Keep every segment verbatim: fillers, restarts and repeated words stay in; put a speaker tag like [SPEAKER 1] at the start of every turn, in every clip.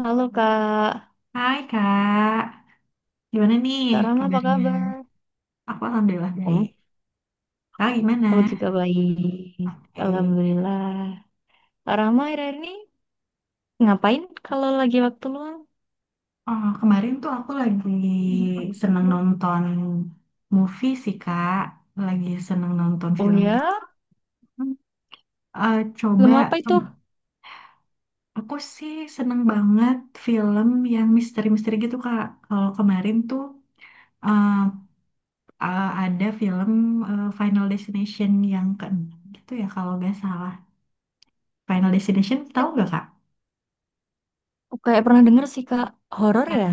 [SPEAKER 1] Halo Kak,
[SPEAKER 2] Hai Kak, gimana nih
[SPEAKER 1] Kak Rama apa
[SPEAKER 2] kabarnya?
[SPEAKER 1] kabar?
[SPEAKER 2] Aku alhamdulillah baik.
[SPEAKER 1] Om,
[SPEAKER 2] Kak gimana?
[SPEAKER 1] aku juga baik.
[SPEAKER 2] Baik.
[SPEAKER 1] Alhamdulillah. Kak Rama akhir-akhir ini ngapain kalau lagi waktu luang?
[SPEAKER 2] Oh, kemarin tuh aku lagi seneng nonton movie sih Kak, lagi seneng nonton
[SPEAKER 1] Oh
[SPEAKER 2] film gitu.
[SPEAKER 1] ya,
[SPEAKER 2] Eh,
[SPEAKER 1] film
[SPEAKER 2] coba,
[SPEAKER 1] apa itu?
[SPEAKER 2] aku sih seneng banget film yang misteri-misteri gitu Kak. Kalau kemarin tuh eh, eh, ada film eh, Final Destination yang keenam gitu ya kalau nggak salah. Final Destination tahu nggak Kak?
[SPEAKER 1] Oh, kayak pernah denger sih Kak, horor ya?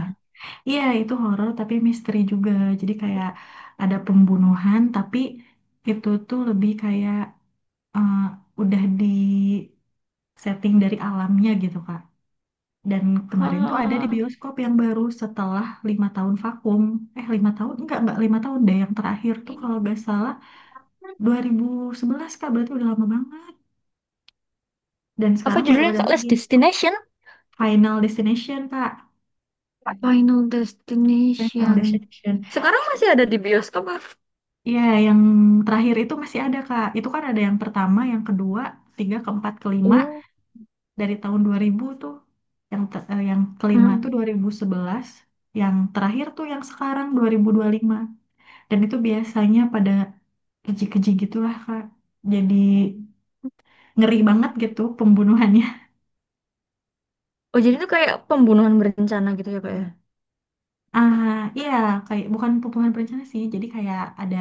[SPEAKER 2] Iya, itu horor tapi misteri juga. Jadi kayak ada pembunuhan tapi itu tuh lebih kayak eh, udah di setting dari alamnya gitu, Kak. Dan kemarin tuh ada di
[SPEAKER 1] Ah,
[SPEAKER 2] bioskop yang baru setelah lima tahun vakum. Eh, lima tahun? Enggak, enggak lima tahun deh. Yang terakhir tuh kalau nggak salah dua ribu sebelas, Kak. Berarti udah lama banget. Dan sekarang
[SPEAKER 1] apa
[SPEAKER 2] baru
[SPEAKER 1] judulnya
[SPEAKER 2] ada
[SPEAKER 1] Kak?
[SPEAKER 2] lagi
[SPEAKER 1] Last Destination?
[SPEAKER 2] Final Destination, Kak.
[SPEAKER 1] Final
[SPEAKER 2] Final
[SPEAKER 1] Destination.
[SPEAKER 2] Destination.
[SPEAKER 1] Sekarang masih ada di bioskop, Kak?
[SPEAKER 2] Iya, yang terakhir itu masih ada, Kak. Itu kan ada yang pertama, yang kedua, tiga, keempat, kelima
[SPEAKER 1] Oh,
[SPEAKER 2] dari tahun dua ribu tuh. Yang te- eh, yang kelima tuh
[SPEAKER 1] mm.
[SPEAKER 2] dua ribu sebelas, yang terakhir tuh yang sekarang dua ribu dua puluh lima. Dan itu biasanya pada keji-keji gitulah, Kak. Jadi ngeri banget gitu pembunuhannya.
[SPEAKER 1] Oh, jadi itu kayak pembunuhan berencana gitu ya Kak
[SPEAKER 2] Ah, iya, kayak bukan pembunuhan berencana sih. Jadi kayak ada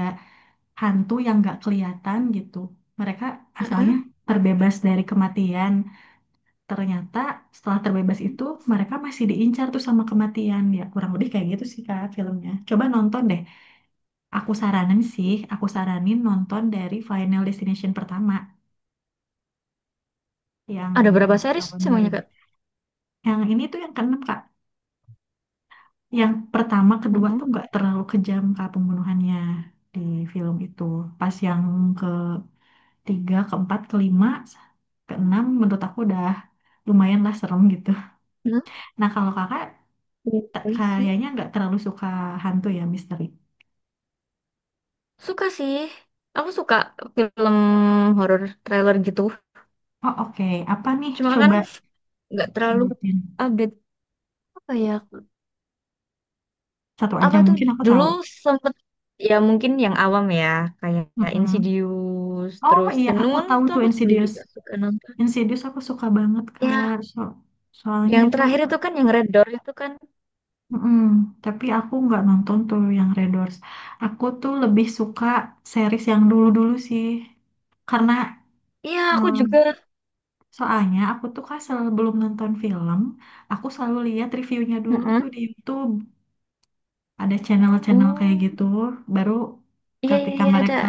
[SPEAKER 2] hantu yang nggak kelihatan gitu. Mereka asalnya
[SPEAKER 1] ya?
[SPEAKER 2] terbebas dari kematian. Ternyata setelah terbebas itu mereka masih diincar tuh sama kematian, ya kurang lebih kayak gitu sih Kak filmnya. Coba nonton deh. Aku saranin sih aku saranin nonton dari Final Destination pertama yang
[SPEAKER 1] Ada berapa series
[SPEAKER 2] tahun
[SPEAKER 1] semuanya,
[SPEAKER 2] dua ribu.
[SPEAKER 1] Kak?
[SPEAKER 2] Yang ini tuh yang keenam Kak. Yang pertama kedua
[SPEAKER 1] Mm-mm.
[SPEAKER 2] tuh nggak terlalu kejam Kak pembunuhannya. Di film itu pas yang ketiga keempat kelima keenam menurut aku udah lumayan lah serem gitu.
[SPEAKER 1] Nah,
[SPEAKER 2] Nah, kalau kakak
[SPEAKER 1] iya
[SPEAKER 2] t-
[SPEAKER 1] boleh sih.
[SPEAKER 2] kayaknya nggak terlalu suka hantu ya, misteri.
[SPEAKER 1] Suka sih. Aku suka film horor trailer gitu.
[SPEAKER 2] Oh, oke. Apa nih,
[SPEAKER 1] Cuma kan
[SPEAKER 2] coba
[SPEAKER 1] nggak terlalu
[SPEAKER 2] sebutin
[SPEAKER 1] update apa ya.
[SPEAKER 2] satu aja
[SPEAKER 1] Apa itu
[SPEAKER 2] mungkin aku
[SPEAKER 1] dulu
[SPEAKER 2] tahu.
[SPEAKER 1] sempet ya mungkin yang awam ya kayak
[SPEAKER 2] Mm-mm.
[SPEAKER 1] Insidious
[SPEAKER 2] Oh
[SPEAKER 1] terus
[SPEAKER 2] iya,
[SPEAKER 1] The
[SPEAKER 2] aku
[SPEAKER 1] Nun
[SPEAKER 2] tahu
[SPEAKER 1] itu
[SPEAKER 2] tuh
[SPEAKER 1] aku dulu
[SPEAKER 2] Insidious.
[SPEAKER 1] juga suka nonton.
[SPEAKER 2] Insidious aku suka banget Kak.
[SPEAKER 1] Ya,
[SPEAKER 2] So soalnya
[SPEAKER 1] yang
[SPEAKER 2] itu,
[SPEAKER 1] terakhir itu kan yang Red Door itu kan.
[SPEAKER 2] mm-mm. Tapi aku nggak nonton tuh yang Red Doors. Aku tuh lebih suka series yang dulu-dulu sih, karena
[SPEAKER 1] Iya, aku
[SPEAKER 2] em,
[SPEAKER 1] juga.
[SPEAKER 2] soalnya aku tuh kan sebelum nonton film, aku selalu lihat reviewnya dulu
[SPEAKER 1] Mm-mm.
[SPEAKER 2] tuh di YouTube. Ada channel-channel kayak
[SPEAKER 1] Oh,
[SPEAKER 2] gitu, baru
[SPEAKER 1] iya iya
[SPEAKER 2] ketika
[SPEAKER 1] iya ada.
[SPEAKER 2] mereka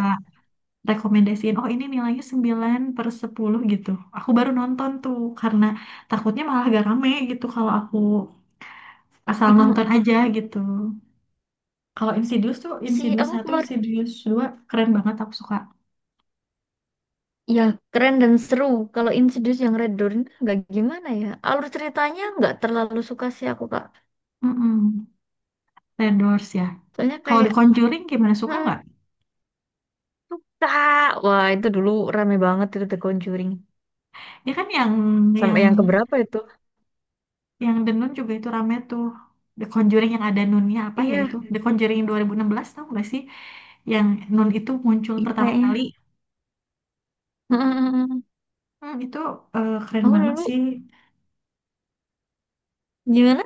[SPEAKER 2] rekomendasiin, oh ini nilainya sembilan per sepuluh gitu, aku baru nonton tuh, karena takutnya malah gak rame gitu kalau aku asal nonton
[SPEAKER 1] Mm-mm.
[SPEAKER 2] aja gitu. Kalau Insidious tuh,
[SPEAKER 1] Sih,
[SPEAKER 2] Insidious
[SPEAKER 1] aku
[SPEAKER 2] satu,
[SPEAKER 1] kemarin
[SPEAKER 2] Insidious dua keren banget, aku suka
[SPEAKER 1] ya, keren dan seru. Kalau Insidious yang Red Dawn nggak gimana ya. Alur ceritanya nggak terlalu suka sih aku, Kak.
[SPEAKER 2] mm The Doors ya.
[SPEAKER 1] Soalnya
[SPEAKER 2] Kalau The
[SPEAKER 1] kayak,
[SPEAKER 2] Conjuring gimana, suka
[SPEAKER 1] hmm,
[SPEAKER 2] nggak?
[SPEAKER 1] suka. Wah, itu dulu rame banget itu The Conjuring.
[SPEAKER 2] Ya kan yang
[SPEAKER 1] Sampai
[SPEAKER 2] yang
[SPEAKER 1] yang keberapa itu?
[SPEAKER 2] yang The Nun juga itu rame tuh. The Conjuring yang ada Nunnya apa ya,
[SPEAKER 1] Iya,
[SPEAKER 2] itu The Conjuring dua ribu enam belas tau nggak sih, yang Nun itu muncul
[SPEAKER 1] iya
[SPEAKER 2] pertama
[SPEAKER 1] kayaknya.
[SPEAKER 2] kali.
[SPEAKER 1] Hmm,
[SPEAKER 2] Hmm, itu eh, keren
[SPEAKER 1] aku
[SPEAKER 2] banget
[SPEAKER 1] dulu
[SPEAKER 2] sih.
[SPEAKER 1] gimana?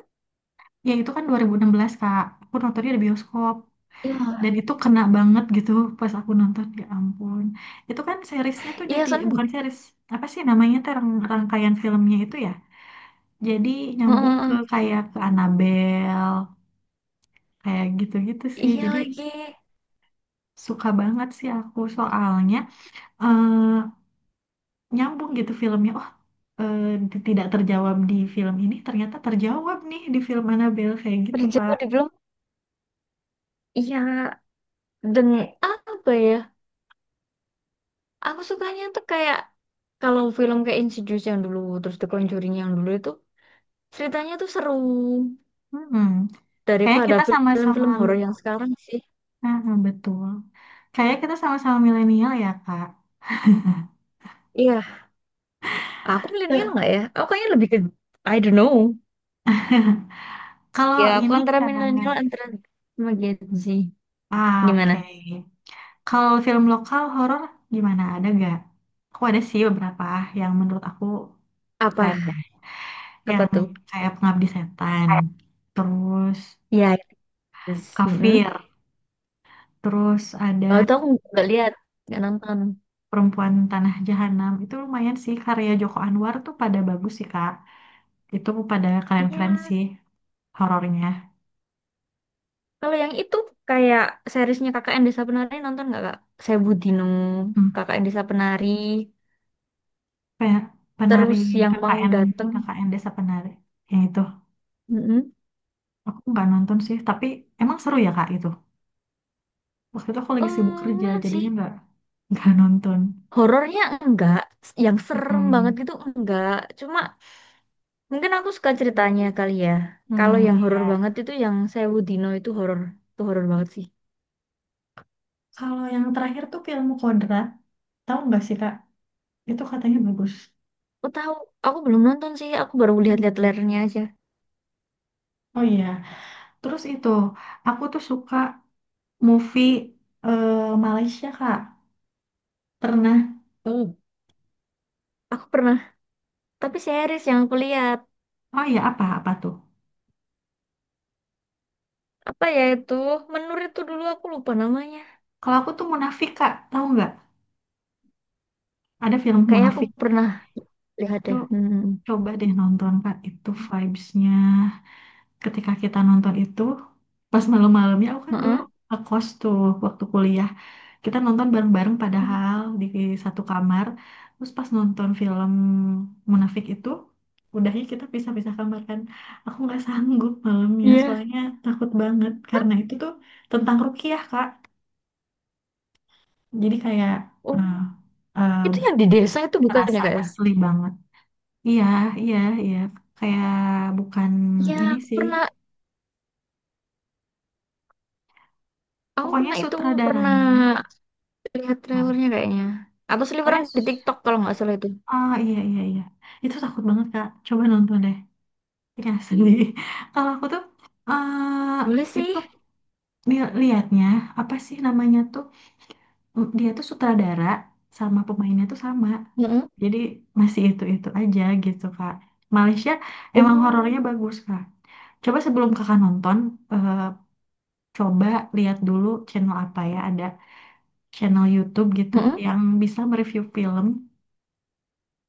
[SPEAKER 2] Ya itu kan dua ribu enam belas Kak. Aku nontonnya di bioskop. Dan
[SPEAKER 1] Iya,
[SPEAKER 2] itu kena banget gitu pas aku nonton. Ya ampun. Itu kan seriesnya tuh
[SPEAKER 1] iya
[SPEAKER 2] jadi, eh,
[SPEAKER 1] soalnya,
[SPEAKER 2] bukan series. Apa sih namanya tuh, rang- rangkaian filmnya itu ya. Jadi nyambung ke
[SPEAKER 1] hmm,
[SPEAKER 2] kayak ke Annabelle. Kayak gitu-gitu sih.
[SPEAKER 1] iya
[SPEAKER 2] Jadi
[SPEAKER 1] lagi.
[SPEAKER 2] suka banget sih aku, soalnya eh, nyambung gitu filmnya. Oh, eh, di- tidak terjawab di film ini ternyata terjawab nih di film Annabelle kayak gitu
[SPEAKER 1] Berjawa
[SPEAKER 2] Kak.
[SPEAKER 1] di belum. Iya, dan apa ya? Aku sukanya tuh kayak kalau film kayak Insidious yang dulu, terus The Conjuring yang dulu itu ceritanya tuh seru
[SPEAKER 2] Hmm. Kayaknya
[SPEAKER 1] daripada
[SPEAKER 2] kita sama-sama.
[SPEAKER 1] film-film horor yang sekarang sih.
[SPEAKER 2] Ah, betul. Kayaknya kita sama-sama milenial ya, Kak.
[SPEAKER 1] Iya, aku milenial
[SPEAKER 2] Nah,
[SPEAKER 1] nggak ya? Aku kayaknya lebih ke, I don't know.
[SPEAKER 2] kalau
[SPEAKER 1] Ya, aku
[SPEAKER 2] ini
[SPEAKER 1] antara
[SPEAKER 2] Kak,
[SPEAKER 1] milenial antara sama Gen Z.
[SPEAKER 2] ah, oke.
[SPEAKER 1] Gimana?
[SPEAKER 2] Kalau film lokal horor gimana, ada gak? Aku ada sih beberapa yang menurut aku keren
[SPEAKER 1] Apa?
[SPEAKER 2] ya.
[SPEAKER 1] Apa
[SPEAKER 2] Yang
[SPEAKER 1] tuh?
[SPEAKER 2] kayak Pengabdi Setan, terus
[SPEAKER 1] Iya, yes. Mm-mm.
[SPEAKER 2] Kafir, terus ada
[SPEAKER 1] Kalau itu aku nggak lihat, nggak nonton.
[SPEAKER 2] Perempuan Tanah Jahanam. Itu lumayan sih, karya Joko Anwar tuh pada bagus sih Kak. Itu pada keren-keren
[SPEAKER 1] Iya,
[SPEAKER 2] sih horornya.
[SPEAKER 1] kalau yang itu kayak seriesnya K K N Desa Penari nonton nggak kak? Saya Budino,
[SPEAKER 2] Hmm.
[SPEAKER 1] K K N Desa Penari,
[SPEAKER 2] Pe- penari.
[SPEAKER 1] terus yang mau
[SPEAKER 2] KKN
[SPEAKER 1] dateng.
[SPEAKER 2] KKN Desa Penari yang itu
[SPEAKER 1] Mm-mm.
[SPEAKER 2] aku nggak nonton sih, tapi emang seru ya Kak itu. Waktu itu aku
[SPEAKER 1] Eh,
[SPEAKER 2] lagi sibuk kerja
[SPEAKER 1] masih.
[SPEAKER 2] jadinya nggak nggak nonton.
[SPEAKER 1] Horornya enggak, yang serem banget
[SPEAKER 2] Mm-mm.
[SPEAKER 1] gitu enggak. Cuma mungkin aku suka ceritanya kali ya. Kalau
[SPEAKER 2] Hmm,
[SPEAKER 1] yang horor
[SPEAKER 2] iya,
[SPEAKER 1] banget itu yang Sewu Dino itu horor, itu horor banget sih.
[SPEAKER 2] kalau yang terakhir tuh film Kodrat, tahu nggak sih Kak, itu katanya bagus.
[SPEAKER 1] Aku tahu, aku belum nonton sih, aku baru lihat-lihat trailernya aja.
[SPEAKER 2] Oh iya, terus itu aku tuh suka movie eh, Malaysia Kak, pernah.
[SPEAKER 1] Oh, aku pernah, tapi series yang aku lihat
[SPEAKER 2] Oh iya, apa apa tuh,
[SPEAKER 1] apa ya itu menur itu dulu aku lupa namanya.
[SPEAKER 2] kalau aku tuh Munafik Kak tahu nggak, ada film
[SPEAKER 1] Kayak aku
[SPEAKER 2] Munafik.
[SPEAKER 1] pernah lihat
[SPEAKER 2] Itu
[SPEAKER 1] deh. Hmm.
[SPEAKER 2] coba deh nonton Kak, itu vibes-nya ketika kita nonton itu pas malam-malamnya. Aku kan dulu
[SPEAKER 1] Heeh.
[SPEAKER 2] ngekos tuh waktu kuliah. Kita nonton bareng-bareng padahal di satu kamar. Terus pas nonton film Munafik itu udahnya kita pisah-pisah kamar kan. Aku nggak sanggup malamnya
[SPEAKER 1] Iya.
[SPEAKER 2] soalnya takut banget, karena itu tuh tentang rukiah Kak. Jadi kayak eh,
[SPEAKER 1] Oh,
[SPEAKER 2] eh,
[SPEAKER 1] itu yang di desa itu bukan ya
[SPEAKER 2] merasa
[SPEAKER 1] kak ya?
[SPEAKER 2] asli banget. Iya, iya, iya. Kayak bukan
[SPEAKER 1] Iya,
[SPEAKER 2] ini
[SPEAKER 1] aku
[SPEAKER 2] sih.
[SPEAKER 1] pernah, aku
[SPEAKER 2] Pokoknya
[SPEAKER 1] pernah itu pernah
[SPEAKER 2] sutradaranya.
[SPEAKER 1] lihat
[SPEAKER 2] Nah,
[SPEAKER 1] trailernya kayaknya. Atau seliweran
[SPEAKER 2] pokoknya,
[SPEAKER 1] di TikTok kalau nggak salah itu.
[SPEAKER 2] ah iya, iya, iya. Itu takut banget, Kak. Coba nonton deh. Iya, sedih. Kalau aku tuh, eh
[SPEAKER 1] Boleh
[SPEAKER 2] itu
[SPEAKER 1] sih.
[SPEAKER 2] tuh li- liatnya, apa sih namanya tuh, mm, dia tuh sutradara sama pemainnya tuh sama.
[SPEAKER 1] Heeh.
[SPEAKER 2] Jadi masih itu-itu aja gitu, Kak. Malaysia emang
[SPEAKER 1] Oh.
[SPEAKER 2] horornya bagus, Kak. Coba sebelum kakak nonton, eh, coba lihat dulu channel apa ya ada, channel YouTube gitu
[SPEAKER 1] Heeh.
[SPEAKER 2] yang bisa mereview film.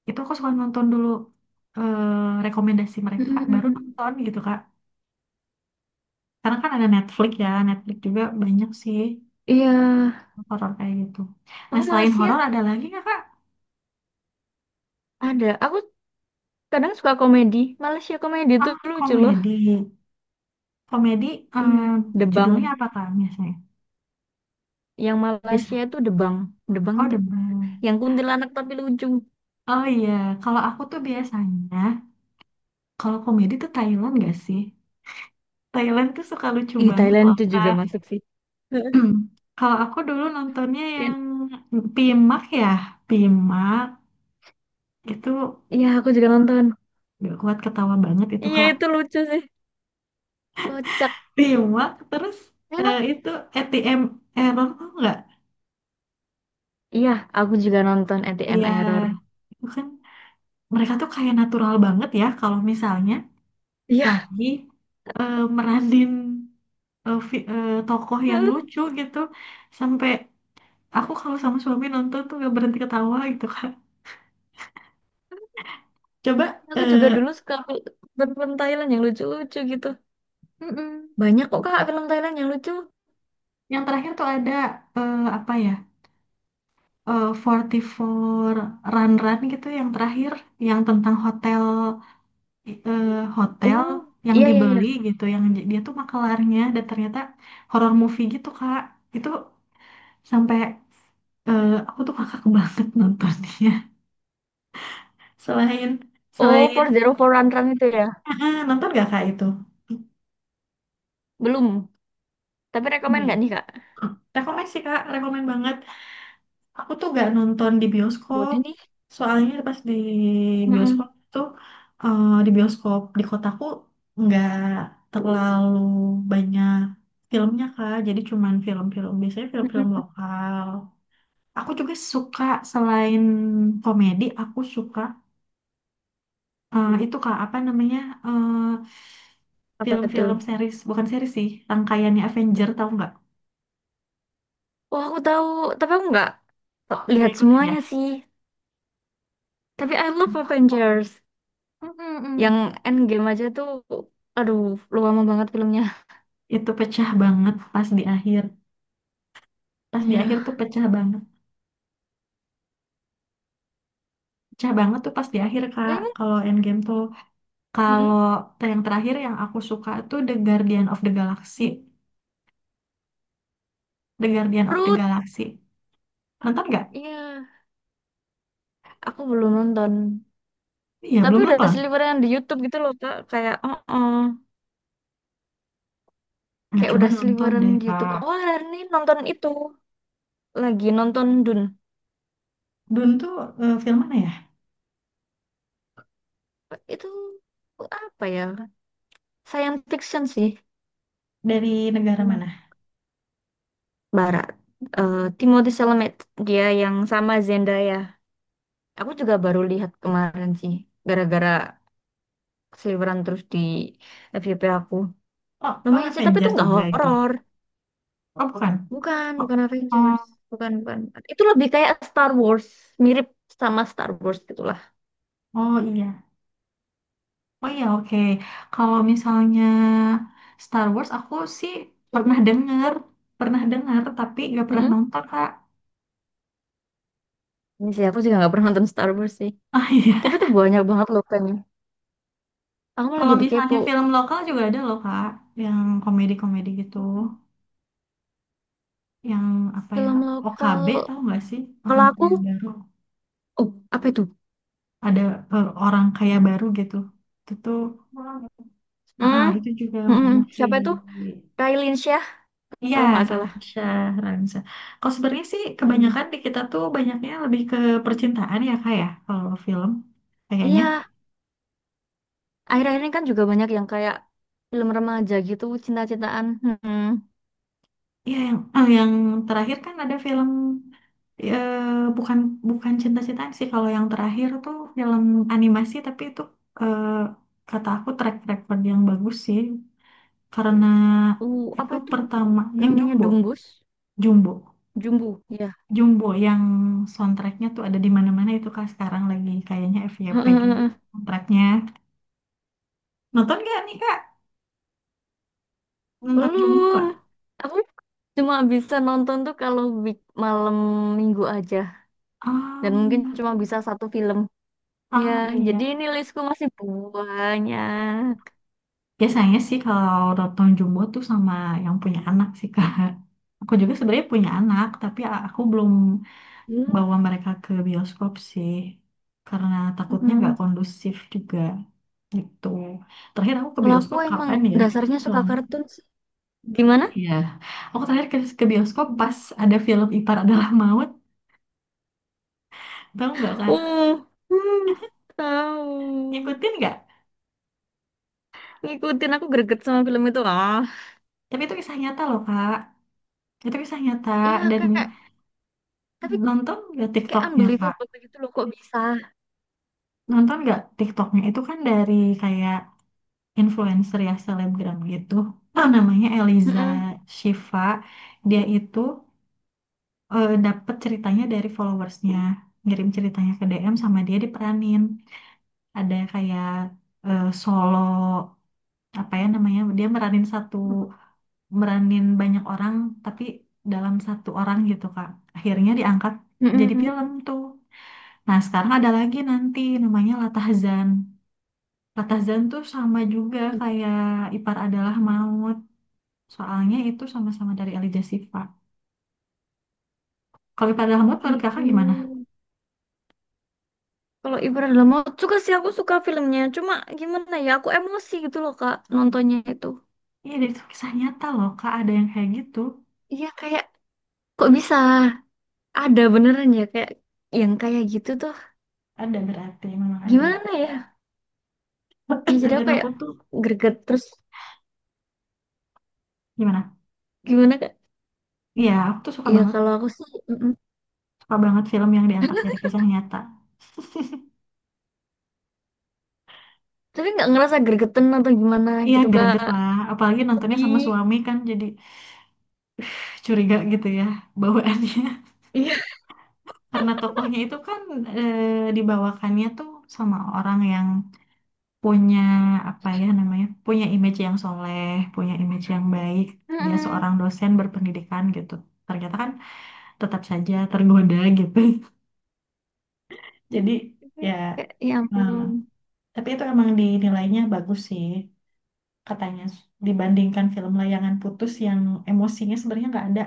[SPEAKER 2] Itu aku suka nonton dulu eh, rekomendasi
[SPEAKER 1] Mm,
[SPEAKER 2] mereka
[SPEAKER 1] mm, mm,
[SPEAKER 2] baru
[SPEAKER 1] mm.
[SPEAKER 2] nonton gitu Kak, karena kan ada Netflix ya, Netflix juga banyak sih
[SPEAKER 1] Iya.
[SPEAKER 2] horor kayak gitu. Nah,
[SPEAKER 1] Aku
[SPEAKER 2] selain
[SPEAKER 1] Malaysia
[SPEAKER 2] horor ada lagi nggak Kak?
[SPEAKER 1] ada. Aku kadang suka komedi. Malaysia komedi itu
[SPEAKER 2] Ah,
[SPEAKER 1] lucu loh.
[SPEAKER 2] komedi, komedi eh,
[SPEAKER 1] Iya.
[SPEAKER 2] judulnya
[SPEAKER 1] Debang.
[SPEAKER 2] apa Kak biasanya,
[SPEAKER 1] Yang
[SPEAKER 2] bisa?
[SPEAKER 1] Malaysia itu Debang. Debang
[SPEAKER 2] Oh,
[SPEAKER 1] itu.
[SPEAKER 2] Demam.
[SPEAKER 1] Yang kuntilanak tapi lucu.
[SPEAKER 2] Oh iya, kalau aku tuh biasanya kalau komedi tuh Thailand gak sih, Thailand tuh suka lucu
[SPEAKER 1] Ih,
[SPEAKER 2] banget
[SPEAKER 1] Thailand
[SPEAKER 2] loh
[SPEAKER 1] itu juga
[SPEAKER 2] Kak.
[SPEAKER 1] masuk sih. Heeh.
[SPEAKER 2] Kalau aku dulu nontonnya
[SPEAKER 1] Kan?
[SPEAKER 2] yang Pimak ya, Pimak itu
[SPEAKER 1] Iya, aku juga nonton.
[SPEAKER 2] gak kuat ketawa banget itu
[SPEAKER 1] Iya,
[SPEAKER 2] Kak.
[SPEAKER 1] itu lucu sih. Kocak.
[SPEAKER 2] Pimak terus
[SPEAKER 1] Memang.
[SPEAKER 2] eh, itu A T M error kok nggak?
[SPEAKER 1] Iya, aku juga nonton A T M
[SPEAKER 2] Iya,
[SPEAKER 1] Error.
[SPEAKER 2] itu kan mereka tuh kayak natural banget ya kalau misalnya
[SPEAKER 1] Iya.
[SPEAKER 2] lagi eh, meranin eh, fi- eh, tokoh yang lucu gitu, sampai aku kalau sama suami nonton tuh gak berhenti ketawa gitu Kak. Coba
[SPEAKER 1] Aku juga
[SPEAKER 2] eh,
[SPEAKER 1] dulu suka fil- film Thailand yang lucu-lucu gitu.
[SPEAKER 2] mm-mm.
[SPEAKER 1] Banyak kok kak film Thailand yang lucu.
[SPEAKER 2] Yang terakhir tuh ada eh, apa ya? Eh, empat puluh empat Run Run gitu yang terakhir, yang tentang hotel eh, hotel
[SPEAKER 1] Oh,
[SPEAKER 2] yang
[SPEAKER 1] iya iya
[SPEAKER 2] dibeli
[SPEAKER 1] iya.
[SPEAKER 2] gitu, yang j- dia tuh makelarnya dan ternyata horror movie gitu Kak. Itu sampai eh, aku tuh kakak banget nontonnya. Selain
[SPEAKER 1] Oh,
[SPEAKER 2] selain
[SPEAKER 1] empat nol empat Run Run itu ya?
[SPEAKER 2] ah, ah, nonton gak Kak itu?
[SPEAKER 1] Belum. Tapi
[SPEAKER 2] Belum
[SPEAKER 1] rekomen
[SPEAKER 2] ya?
[SPEAKER 1] nggak nih kak?
[SPEAKER 2] Ah, rekomen sih Kak, rekomen banget. Aku tuh gak nonton di bioskop.
[SPEAKER 1] Boleh nih.
[SPEAKER 2] Soalnya pas di
[SPEAKER 1] Mm-mm.
[SPEAKER 2] bioskop tuh, eh, di bioskop di kotaku nggak terlalu banyak filmnya Kak. Jadi cuman film-film, biasanya film-film
[SPEAKER 1] Mm-mm.
[SPEAKER 2] lokal. Aku juga suka selain komedi, aku suka eh, itu Kak apa namanya, eh,
[SPEAKER 1] Apa tuh?
[SPEAKER 2] film-film series, bukan series sih, rangkaiannya Avenger tahu nggak?
[SPEAKER 1] Oh, aku tahu. Tapi aku nggak
[SPEAKER 2] Nggak
[SPEAKER 1] lihat
[SPEAKER 2] ikutin ya?
[SPEAKER 1] semuanya sih. Tapi I love Avengers.
[SPEAKER 2] Mm-mm-mm.
[SPEAKER 1] Yang Endgame aja tuh. Aduh, lama banget filmnya.
[SPEAKER 2] Itu pecah banget pas di akhir. Pas di akhir
[SPEAKER 1] Iya.
[SPEAKER 2] tuh pecah banget, pecah banget tuh pas di akhir Kak
[SPEAKER 1] Tapi, kan,
[SPEAKER 2] kalau Endgame tuh.
[SPEAKER 1] mm-mm.
[SPEAKER 2] Kalau te- yang terakhir yang aku suka tuh The Guardian of the Galaxy. The Guardian of the
[SPEAKER 1] Ruth.
[SPEAKER 2] Galaxy nonton nggak?
[SPEAKER 1] Iya. Aku belum nonton.
[SPEAKER 2] Iya,
[SPEAKER 1] Tapi
[SPEAKER 2] belum
[SPEAKER 1] udah
[SPEAKER 2] nonton.
[SPEAKER 1] seliweran di YouTube gitu loh, Kak. Kayak, oh, oh.
[SPEAKER 2] Nah,
[SPEAKER 1] Kayak
[SPEAKER 2] coba
[SPEAKER 1] udah
[SPEAKER 2] nonton
[SPEAKER 1] seliweran
[SPEAKER 2] deh
[SPEAKER 1] di YouTube.
[SPEAKER 2] Kak.
[SPEAKER 1] Oh, hari ini nonton itu. Lagi nonton Dun.
[SPEAKER 2] Dune tuh eh, film mana ya,
[SPEAKER 1] Itu apa ya? Science fiction sih.
[SPEAKER 2] dari negara mana?
[SPEAKER 1] Hmm. Barat. Eh, Timothy Chalamet. Dia yang sama Zendaya. Aku juga baru lihat kemarin sih. Gara-gara seliweran terus di F Y P aku.
[SPEAKER 2] Oh, oh,
[SPEAKER 1] Lumayan sih, tapi
[SPEAKER 2] Avenger
[SPEAKER 1] itu nggak
[SPEAKER 2] juga itu?
[SPEAKER 1] horor.
[SPEAKER 2] Oh, bukan.
[SPEAKER 1] Bukan,
[SPEAKER 2] Oh,
[SPEAKER 1] bukan Avengers.
[SPEAKER 2] oh,
[SPEAKER 1] Bukan, bukan. Itu lebih kayak Star Wars. Mirip sama Star Wars gitu.
[SPEAKER 2] oh, iya, oh iya, oke. Kalau misalnya Star Wars, aku sih pernah dengar, pernah dengar tapi nggak pernah
[SPEAKER 1] Mm-mm.
[SPEAKER 2] nonton Kak.
[SPEAKER 1] Ini sih aku juga nggak pernah nonton Star Wars sih.
[SPEAKER 2] Ah iya.
[SPEAKER 1] Tapi itu banyak banget loh kan. Aku malah
[SPEAKER 2] Kalau
[SPEAKER 1] jadi kepo.
[SPEAKER 2] misalnya film lokal juga ada loh Kak, yang komedi-komedi gitu, yang apa ya,
[SPEAKER 1] Film
[SPEAKER 2] O K B
[SPEAKER 1] lokal.
[SPEAKER 2] tahu nggak sih,
[SPEAKER 1] Kalau
[SPEAKER 2] orang
[SPEAKER 1] aku,
[SPEAKER 2] kaya baru,
[SPEAKER 1] oh apa itu?
[SPEAKER 2] ada eh, orang kaya baru gitu. Itu tuh, ah, ah,
[SPEAKER 1] Hmm,
[SPEAKER 2] itu juga
[SPEAKER 1] mm-mm.
[SPEAKER 2] movie.
[SPEAKER 1] Siapa itu? Raline Shah
[SPEAKER 2] Iya,
[SPEAKER 1] kalau nggak salah.
[SPEAKER 2] Ransha, Ransha. Kalau sebenarnya sih
[SPEAKER 1] Mm-mm.
[SPEAKER 2] kebanyakan di kita tuh banyaknya lebih ke percintaan ya Kak ya, kalau film kayaknya.
[SPEAKER 1] Iya, akhir-akhir ini kan juga banyak yang kayak film remaja gitu, cinta-cintaan. Mm-mm.
[SPEAKER 2] Ya yang eh, yang terakhir kan ada film, eh, bukan, bukan cinta-cintaan sih, kalau yang terakhir tuh film animasi, tapi itu eh, kata aku track record yang bagus sih, karena
[SPEAKER 1] Uh,
[SPEAKER 2] itu
[SPEAKER 1] apa itu?
[SPEAKER 2] pertama yang
[SPEAKER 1] Namanya
[SPEAKER 2] Jumbo.
[SPEAKER 1] Dumbus,
[SPEAKER 2] Jumbo,
[SPEAKER 1] Jumbu, ya.
[SPEAKER 2] Jumbo yang soundtracknya tuh ada di mana-mana itu Kak, sekarang lagi kayaknya F Y P juga
[SPEAKER 1] Heeh,
[SPEAKER 2] soundtracknya, nonton gak nih Kak, nonton Jumbo
[SPEAKER 1] belum.
[SPEAKER 2] gak?
[SPEAKER 1] Aku cuma bisa nonton tuh kalau week malam minggu aja. Dan mungkin cuma
[SPEAKER 2] Am,
[SPEAKER 1] bisa satu film ya,
[SPEAKER 2] ah iya.
[SPEAKER 1] jadi ini listku masih banyak.
[SPEAKER 2] Biasanya sih kalau nonton Jumbo tuh sama yang punya anak sih Kak. Aku juga sebenarnya punya anak, tapi a- aku belum
[SPEAKER 1] Ya,
[SPEAKER 2] bawa mereka ke bioskop sih, karena takutnya nggak
[SPEAKER 1] mm.
[SPEAKER 2] kondusif juga gitu. Terakhir aku ke
[SPEAKER 1] Kalau aku
[SPEAKER 2] bioskop
[SPEAKER 1] emang
[SPEAKER 2] kapan ya?
[SPEAKER 1] dasarnya suka
[SPEAKER 2] Lama.
[SPEAKER 1] kartun sih gimana.
[SPEAKER 2] Iya. Aku terakhir ke, ke bioskop pas ada film Ipar Adalah Maut. Tahu nggak Kak?
[SPEAKER 1] Oh, hmm, tahu.
[SPEAKER 2] Ngikutin nggak?
[SPEAKER 1] Ngikutin, aku greget sama film itu ah.
[SPEAKER 2] Tapi itu kisah nyata loh Kak. Itu kisah nyata,
[SPEAKER 1] Iya
[SPEAKER 2] dan
[SPEAKER 1] kayak tapi
[SPEAKER 2] nonton nggak
[SPEAKER 1] kayak
[SPEAKER 2] TikToknya.
[SPEAKER 1] unbelievable gitu loh kok bisa.
[SPEAKER 2] Nonton nggak TikToknya, itu kan dari kayak influencer ya, selebgram gitu. Ah, namanya Eliza
[SPEAKER 1] Mm-mm.
[SPEAKER 2] Shiva. Dia itu eh, dapet ceritanya dari followersnya. Ngirim ceritanya ke D M sama dia diperanin. Ada kayak eh, solo, apa ya namanya? Dia meranin satu meranin banyak orang tapi dalam satu orang gitu Kak. Akhirnya diangkat jadi
[SPEAKER 1] Mm-mm.
[SPEAKER 2] film tuh. Nah, sekarang ada lagi nanti namanya Latahzan. Ratazan tuh sama juga kayak Ipar Adalah Maut. Soalnya itu sama-sama dari Elijah Shiva. Kalau Ipar Adalah Maut menurut
[SPEAKER 1] Gitu.
[SPEAKER 2] kakak gimana?
[SPEAKER 1] Kalau ibarat dalam mau suka sih aku suka filmnya. Cuma gimana ya, aku emosi gitu loh Kak nontonnya itu.
[SPEAKER 2] Iya dari itu kisah nyata loh Kak, ada yang kayak gitu.
[SPEAKER 1] Iya kayak kok bisa ada beneran ya kayak yang kayak gitu tuh
[SPEAKER 2] Ada, berarti memang ada.
[SPEAKER 1] gimana ya? Ya jadi
[SPEAKER 2] Dan
[SPEAKER 1] aku
[SPEAKER 2] aku
[SPEAKER 1] kayak
[SPEAKER 2] tuh
[SPEAKER 1] greget terus
[SPEAKER 2] gimana?
[SPEAKER 1] gimana kak?
[SPEAKER 2] Iya aku tuh suka
[SPEAKER 1] Ya
[SPEAKER 2] banget.
[SPEAKER 1] kalau aku sih mm-mm.
[SPEAKER 2] Suka banget film yang diangkat dari kisah nyata.
[SPEAKER 1] Tapi nggak ngerasa gregetan atau gimana
[SPEAKER 2] Iya
[SPEAKER 1] gitu
[SPEAKER 2] greget
[SPEAKER 1] kak
[SPEAKER 2] lah. Apalagi nontonnya sama
[SPEAKER 1] sedih.
[SPEAKER 2] suami kan, jadi curiga gitu ya bawaannya.
[SPEAKER 1] Iya.
[SPEAKER 2] Karena tokohnya itu kan eh, dibawakannya tuh sama orang yang punya apa ya namanya, punya image yang soleh, punya image yang baik, dia
[SPEAKER 1] Mm-mm.
[SPEAKER 2] seorang dosen berpendidikan gitu, ternyata kan tetap saja tergoda gitu. Jadi
[SPEAKER 1] Iya,
[SPEAKER 2] ya,
[SPEAKER 1] kayak ya
[SPEAKER 2] eh,
[SPEAKER 1] ampun.
[SPEAKER 2] tapi itu emang dinilainya bagus sih katanya, dibandingkan film Layangan Putus yang emosinya sebenarnya nggak ada,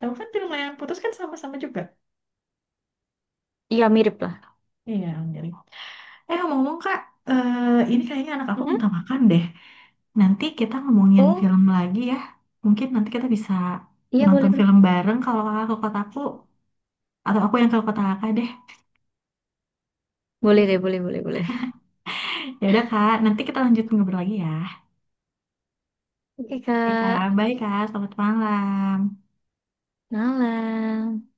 [SPEAKER 2] tahu kan film Layangan Putus kan sama-sama juga,
[SPEAKER 1] Iya mirip lah.
[SPEAKER 2] iya jadi. Eh ngomong-ngomong Kak, eh, ini kayaknya anak aku
[SPEAKER 1] Mhm.
[SPEAKER 2] minta makan deh. Nanti kita ngomongin
[SPEAKER 1] Oh
[SPEAKER 2] film lagi ya. Mungkin nanti kita bisa
[SPEAKER 1] iya boleh
[SPEAKER 2] nonton
[SPEAKER 1] boleh.
[SPEAKER 2] film bareng kalau kakak ke kotaku atau aku yang ke kota kakak deh.
[SPEAKER 1] Boleh deh boleh boleh boleh.
[SPEAKER 2] Ya udah Kak, nanti kita lanjut ngobrol lagi ya.
[SPEAKER 1] Oke
[SPEAKER 2] Oke
[SPEAKER 1] kak,
[SPEAKER 2] Kak, bye Kak, selamat malam.
[SPEAKER 1] malam.